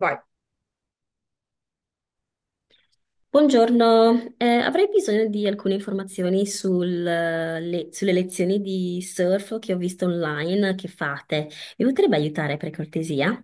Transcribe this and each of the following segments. Vai. Buongiorno, avrei bisogno di alcune informazioni sulle lezioni di surf che ho visto online che fate. Mi potrebbe aiutare per cortesia?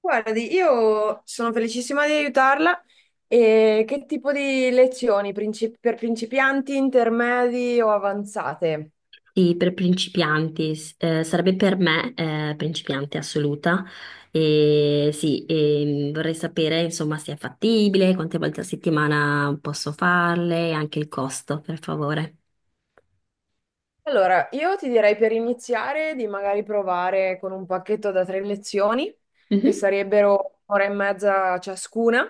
Guardi, io sono felicissima di aiutarla. E che tipo di lezioni? Per principianti, intermedi o avanzate? Sì, per principianti, sarebbe per me principiante assoluta. E sì, vorrei sapere insomma se è fattibile, quante volte a settimana posso farle e anche il costo, per favore. Allora, io ti direi per iniziare di magari provare con un pacchetto da tre lezioni, che Mhm. sarebbero ora e mezza ciascuna,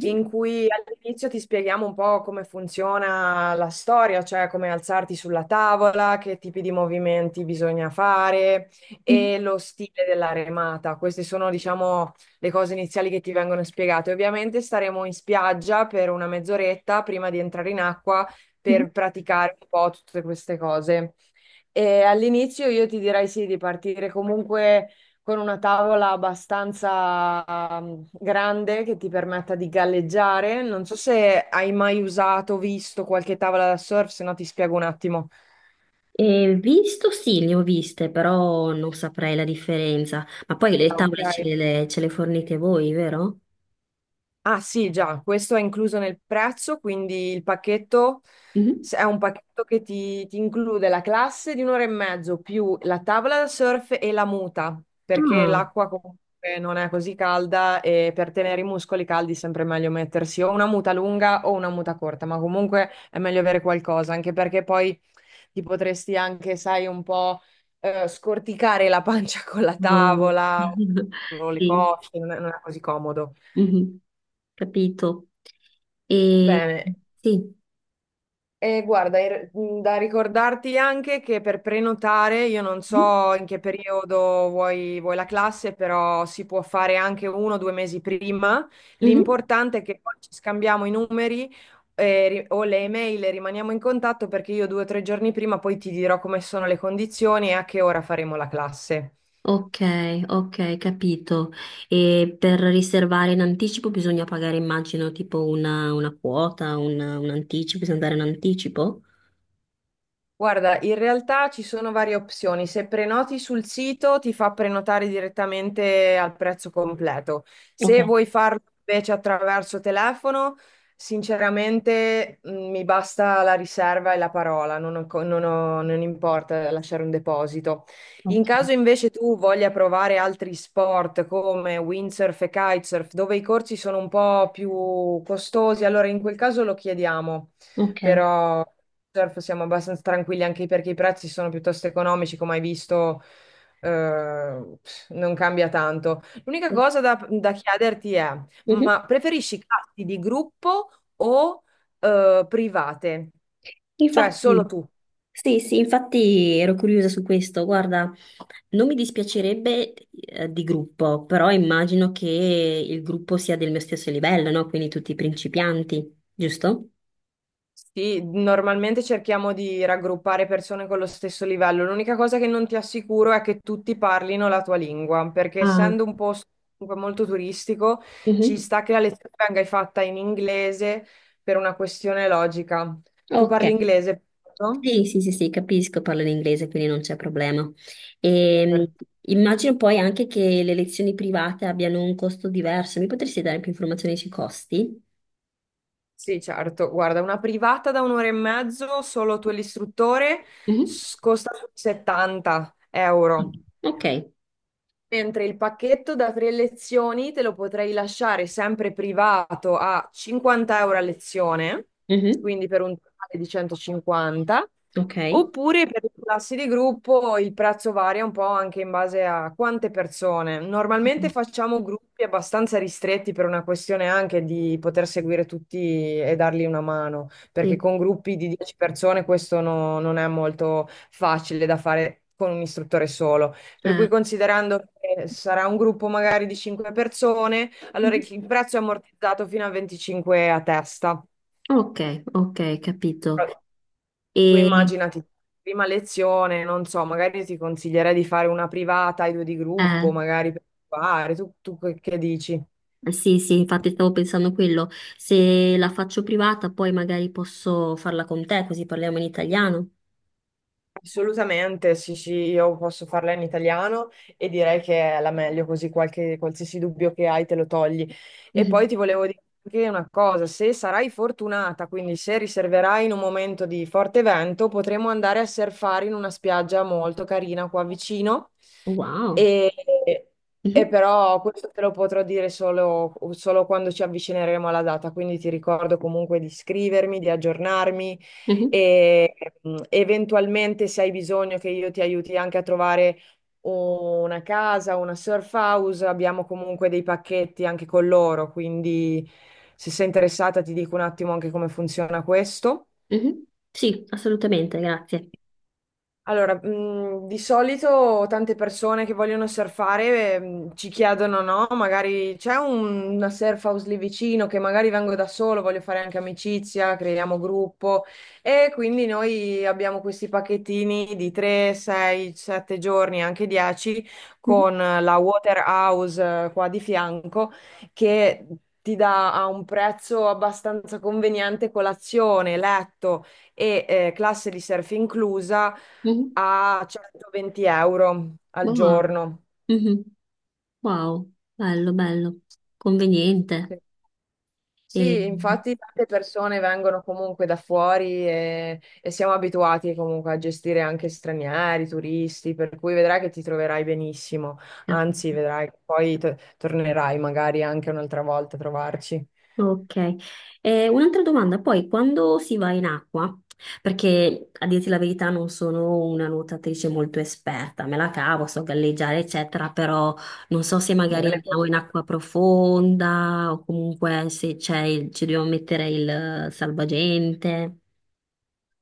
in cui all'inizio ti spieghiamo un po' come funziona la storia, cioè come alzarti sulla tavola, che tipi di movimenti bisogna fare e lo stile della remata. Queste sono, diciamo, le cose iniziali che ti vengono spiegate. Ovviamente staremo in spiaggia per una mezz'oretta prima di entrare in acqua Mhm. per praticare un po' tutte queste cose. E all'inizio io ti direi sì, di partire comunque con una tavola abbastanza grande che ti permetta di galleggiare. Non so se hai mai usato, visto qualche tavola da surf, se no ti spiego un attimo. E visto, sì, le ho viste, però non saprei la differenza. Ma poi le Ah, ok. tavole ce le fornite voi, vero? Ah sì, già, questo è incluso nel prezzo, quindi il pacchetto Mhm. se- è un pacchetto che ti include la classe di un'ora e mezzo più la tavola da surf e la muta, perché Ah, l'acqua comunque non è così calda e per tenere i muscoli caldi è sempre meglio mettersi o una muta lunga o una muta corta, ma comunque è meglio avere qualcosa, anche perché poi ti potresti anche, sai, un po' scorticare la pancia con la no. tavola o le Sì, cosce, non è così comodo. mhm, capito. E Bene, sì. e guarda, da ricordarti anche che per prenotare, io non Mhm. so in che periodo vuoi la classe, però si può fare anche uno o due mesi prima. Mhm. L'importante è che poi ci scambiamo i numeri, o le email e rimaniamo in contatto perché io due o tre giorni prima poi ti dirò come sono le condizioni e a che ora faremo la classe. Ok, ok, capito. E per riservare in anticipo bisogna pagare, immagino, tipo una quota, un anticipo, bisogna dare un anticipo? Guarda, in realtà ci sono varie opzioni. Se prenoti sul sito ti fa prenotare direttamente al prezzo completo. Ok, Se vuoi farlo invece attraverso telefono, sinceramente mi basta la riserva e la parola, non ho co- non ho- non importa lasciare un deposito. ok. In caso invece tu voglia provare altri sport come windsurf e kitesurf, dove i corsi sono un po' più costosi, allora in quel caso lo chiediamo, Ok. però surf siamo abbastanza tranquilli anche perché i prezzi sono piuttosto economici, come hai visto, eh, non cambia tanto. L'unica cosa da chiederti è, Mhm. ma preferisci classi di gruppo o private? Cioè solo Infatti. tu? Sì, sì, infatti ero curiosa su questo. Guarda, non mi dispiacerebbe di gruppo, però immagino che il gruppo sia del mio stesso livello, no? Quindi tutti principianti, giusto? Sì, normalmente cerchiamo di raggruppare persone con lo stesso livello. L'unica cosa che non ti assicuro è che tutti parlino la tua lingua, perché Ah, essendo un posto comunque molto turistico, ci mhm. sta che la lezione venga fatta in inglese per una questione logica. Tu Ok. parli inglese, no? Sì, sì, sì, sì, capisco, parlo in inglese, quindi non c'è problema. E, Per- immagino poi anche che le lezioni private abbiano un costo diverso. Mi potresti dare più informazioni sui costi? Sì, certo. Guarda, una privata da un'ora e mezzo, solo tu e l'istruttore, Mhm. Costa 70 euro. Ok. Mentre il pacchetto da tre lezioni te lo potrei lasciare sempre privato a 50 euro a lezione, Mhm. quindi per un totale di 150, Ok. oppure per le classi di gruppo il prezzo varia un po' anche in base a quante persone. Normalmente Mm. facciamo gruppi abbastanza ristretti per una questione anche di poter seguire tutti e dargli una mano, perché Sì, con gruppi di 10 persone questo non è molto facile da fare con un istruttore solo. Per cui certo. considerando che sarà un gruppo magari di 5 persone, allora il prezzo è ammortizzato fino a 25 a testa. Ok, ok, capito. Però tu E immaginati, prima lezione, non so, magari ti consiglierei di fare una privata, i due di eh, gruppo, magari per provare. Tu, tu che dici? sì, sì, infatti stavo pensando quello. Se la faccio privata, poi magari posso farla con te, così parliamo in italiano. Assolutamente, sì, sì, io posso farla in italiano e direi che è la meglio, così qualche, qualsiasi dubbio che hai te lo togli. E poi Mhm. ti volevo dire anche una cosa, se sarai fortunata, quindi se riserverai in un momento di forte vento, potremo andare a surfare in una spiaggia molto carina qua vicino Wow. e, e Mhm, però questo te lo potrò dire solo, solo quando ci avvicineremo alla data, quindi ti ricordo comunque di iscrivermi, di aggiornarmi mhm, e eventualmente se hai bisogno che io ti aiuti anche a trovare una casa, una surf house, abbiamo comunque dei pacchetti anche con loro, quindi se sei interessata ti dico un attimo anche come funziona questo. mhm. Sì, assolutamente, grazie. Allora, di solito tante persone che vogliono surfare, ci chiedono, no? Magari una surf house lì vicino che magari vengo da solo, voglio fare anche amicizia, creiamo gruppo e quindi noi abbiamo questi pacchettini di 3, 6, 7 giorni, anche 10 Mhm, con la Water House qua di fianco che ti dà a un prezzo abbastanza conveniente colazione, letto e classe di surf inclusa mhm. a 120 euro al Wow. giorno. Mhm. Wow, bello, bello. Conveniente. Sì. E... Sì, infatti tante persone vengono comunque da fuori e siamo abituati comunque a gestire anche stranieri, turisti, per cui vedrai che ti troverai benissimo. Anzi, capito. vedrai che poi tornerai magari anche un'altra volta a trovarci. Ok. Un'altra domanda, poi quando si va in acqua, perché a dirti la verità non sono una nuotatrice molto esperta, me la cavo, so galleggiare eccetera, però non so se magari Bene. andiamo in acqua profonda o comunque se c'è il- ci dobbiamo mettere il salvagente.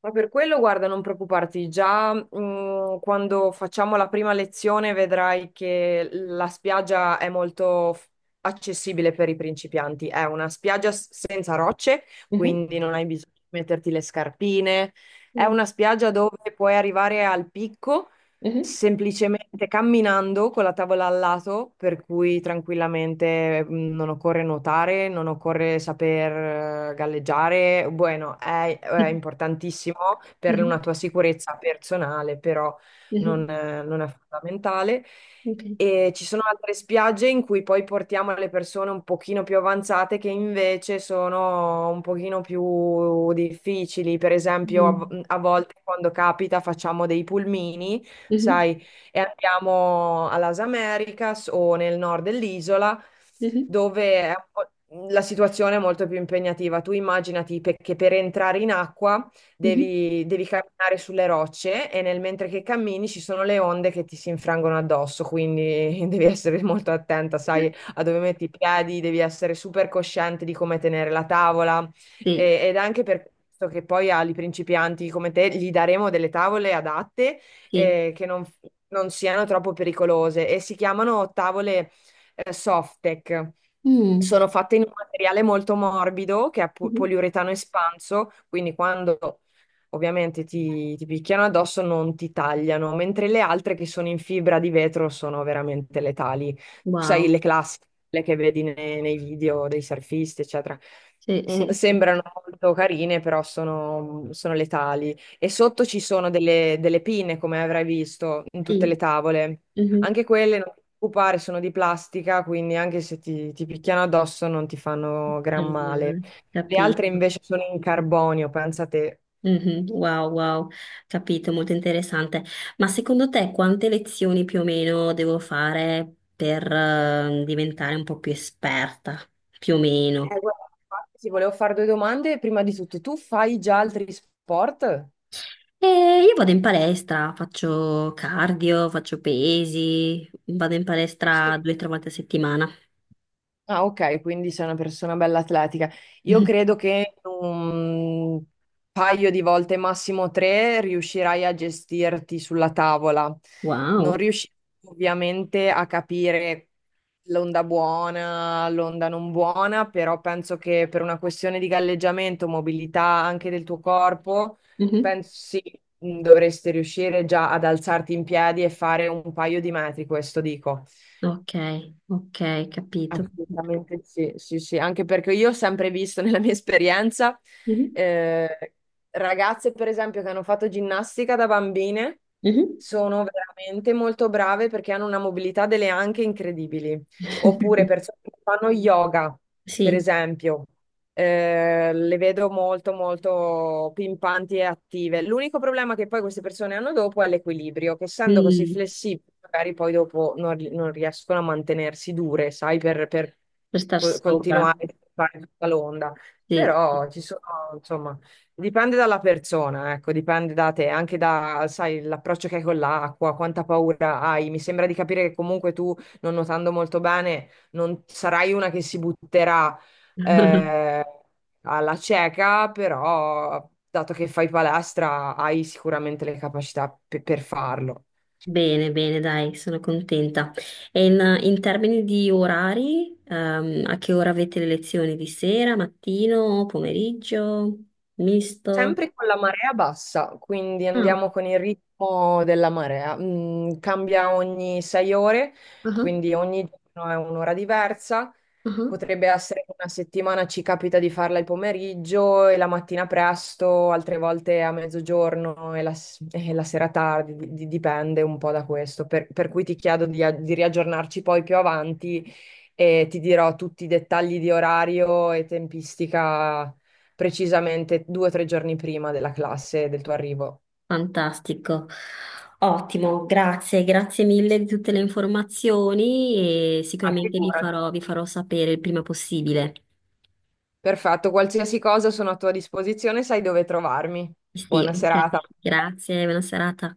Ma per quello, guarda, non preoccuparti, già quando facciamo la prima lezione vedrai che la spiaggia è molto accessibile per i principianti. È una spiaggia senza rocce, Mhm. quindi non hai bisogno di metterti le scarpine. È Mm. una spiaggia dove puoi arrivare al picco Mhm. semplicemente camminando con la tavola al lato, per cui tranquillamente non occorre nuotare, non occorre saper galleggiare. Bueno, è importantissimo per una Mhm, tua sicurezza personale, però mhm. Non è fondamentale. Ok. E ci sono altre spiagge in cui poi portiamo le persone un pochino più avanzate che invece sono un pochino più difficili. Per esempio, Mm. a volte quando capita facciamo dei pulmini, Mhm, sai, e andiamo a Las Americas o nel nord dell'isola, mhm, dove è un po', la situazione è molto più impegnativa. Tu immaginati che per entrare in acqua mhm. Devi camminare sulle rocce e nel mentre che cammini ci sono le onde che ti si infrangono addosso, quindi devi essere molto attenta, sai, a dove metti i piedi, devi essere super cosciente di come tenere la tavola Sì, ed è anche per questo che poi agli principianti come te gli daremo delle tavole adatte, sì. Che non, non siano troppo pericolose e si chiamano tavole Softec. Mm. Sono fatte in un materiale molto morbido che è Mhm. poliuretano espanso, quindi quando ovviamente ti picchiano addosso non ti tagliano, mentre le altre che sono in fibra di vetro sono veramente letali. Sai, Wow, le classiche quelle che vedi nei video dei surfisti, eccetera. sì, sì, sì. Sembrano molto carine, però sono letali. E sotto ci sono delle pinne, come avrai visto, in tutte le Sì. tavole. Mhm. Anche quelle, non ti preoccupare, sono di plastica, quindi anche se ti picchiano addosso non ti fanno gran male. Allora, Le altre capito. invece sono in carbonio, pensa te. Mhm, wow, wow, capito, molto interessante. Ma secondo te quante lezioni più o meno devo fare per diventare un po' più esperta? Più o meno. Guarda, infatti, ti volevo fare due domande. Prima di tutto, tu fai già altri sport? E io vado in palestra, faccio cardio, faccio pesi, vado in palestra Sì. 2 o 3 volte a settimana. Ah, ok, quindi sei una persona bella atletica. Io Mhm. credo che in un paio di volte, massimo tre, riuscirai a gestirti sulla tavola. Non Wow. riuscirai ovviamente a capire l'onda buona, l'onda non buona, però penso che per una questione di galleggiamento, mobilità anche del tuo corpo, Mhm. penso sì, dovresti riuscire già ad alzarti in piedi e fare un paio di metri, questo dico. Ok, ok, capito. Assolutamente sì, sì, sì, anche perché io ho sempre visto nella mia esperienza Mhm, eh, ragazze, per esempio, che hanno fatto ginnastica da bambine, mhm. sono veramente molto brave perché hanno una mobilità delle anche incredibili. Oppure persone che fanno yoga, per Sì. esempio. Le vedo molto, molto pimpanti e attive. L'unico problema che poi queste persone hanno dopo è l'equilibrio, che essendo così Mm, flessibili, magari poi dopo non riescono a mantenersi dure, sai, per per star sopra. continuare a fare tutta l'onda. Sì. Però ci sono, insomma, dipende dalla persona, ecco, dipende da te, anche da, sai, l'approccio che hai con l'acqua, quanta paura hai. Mi sembra di capire che comunque tu, non nuotando molto bene, non sarai una che si butterà eh, alla cieca, però dato che fai palestra hai sicuramente le capacità per farlo. Bene, bene, dai, sono contenta. E in termini di orari, a che ora avete le lezioni? Di sera, mattino, pomeriggio, misto? Sempre con la marea bassa, quindi Ah, andiamo con il ritmo della marea. Cambia ogni 6 ore, ah, quindi ogni giorno è un'ora diversa. ah. Potrebbe essere che una settimana ci capita di farla il pomeriggio e la mattina presto, altre volte a mezzogiorno e e la sera tardi, dipende un po' da questo. Per cui ti chiedo di riaggiornarci poi più avanti e ti dirò tutti i dettagli di orario e tempistica precisamente due o tre giorni prima della classe del tuo arrivo. Fantastico. Ottimo, grazie, grazie mille di tutte le informazioni e Ah, sicuramente vi figurati. farò, vi farò sapere il prima possibile. Perfetto, qualsiasi cosa sono a tua disposizione, sai dove trovarmi. Sì, Buona ok. serata. Grazie, buona serata.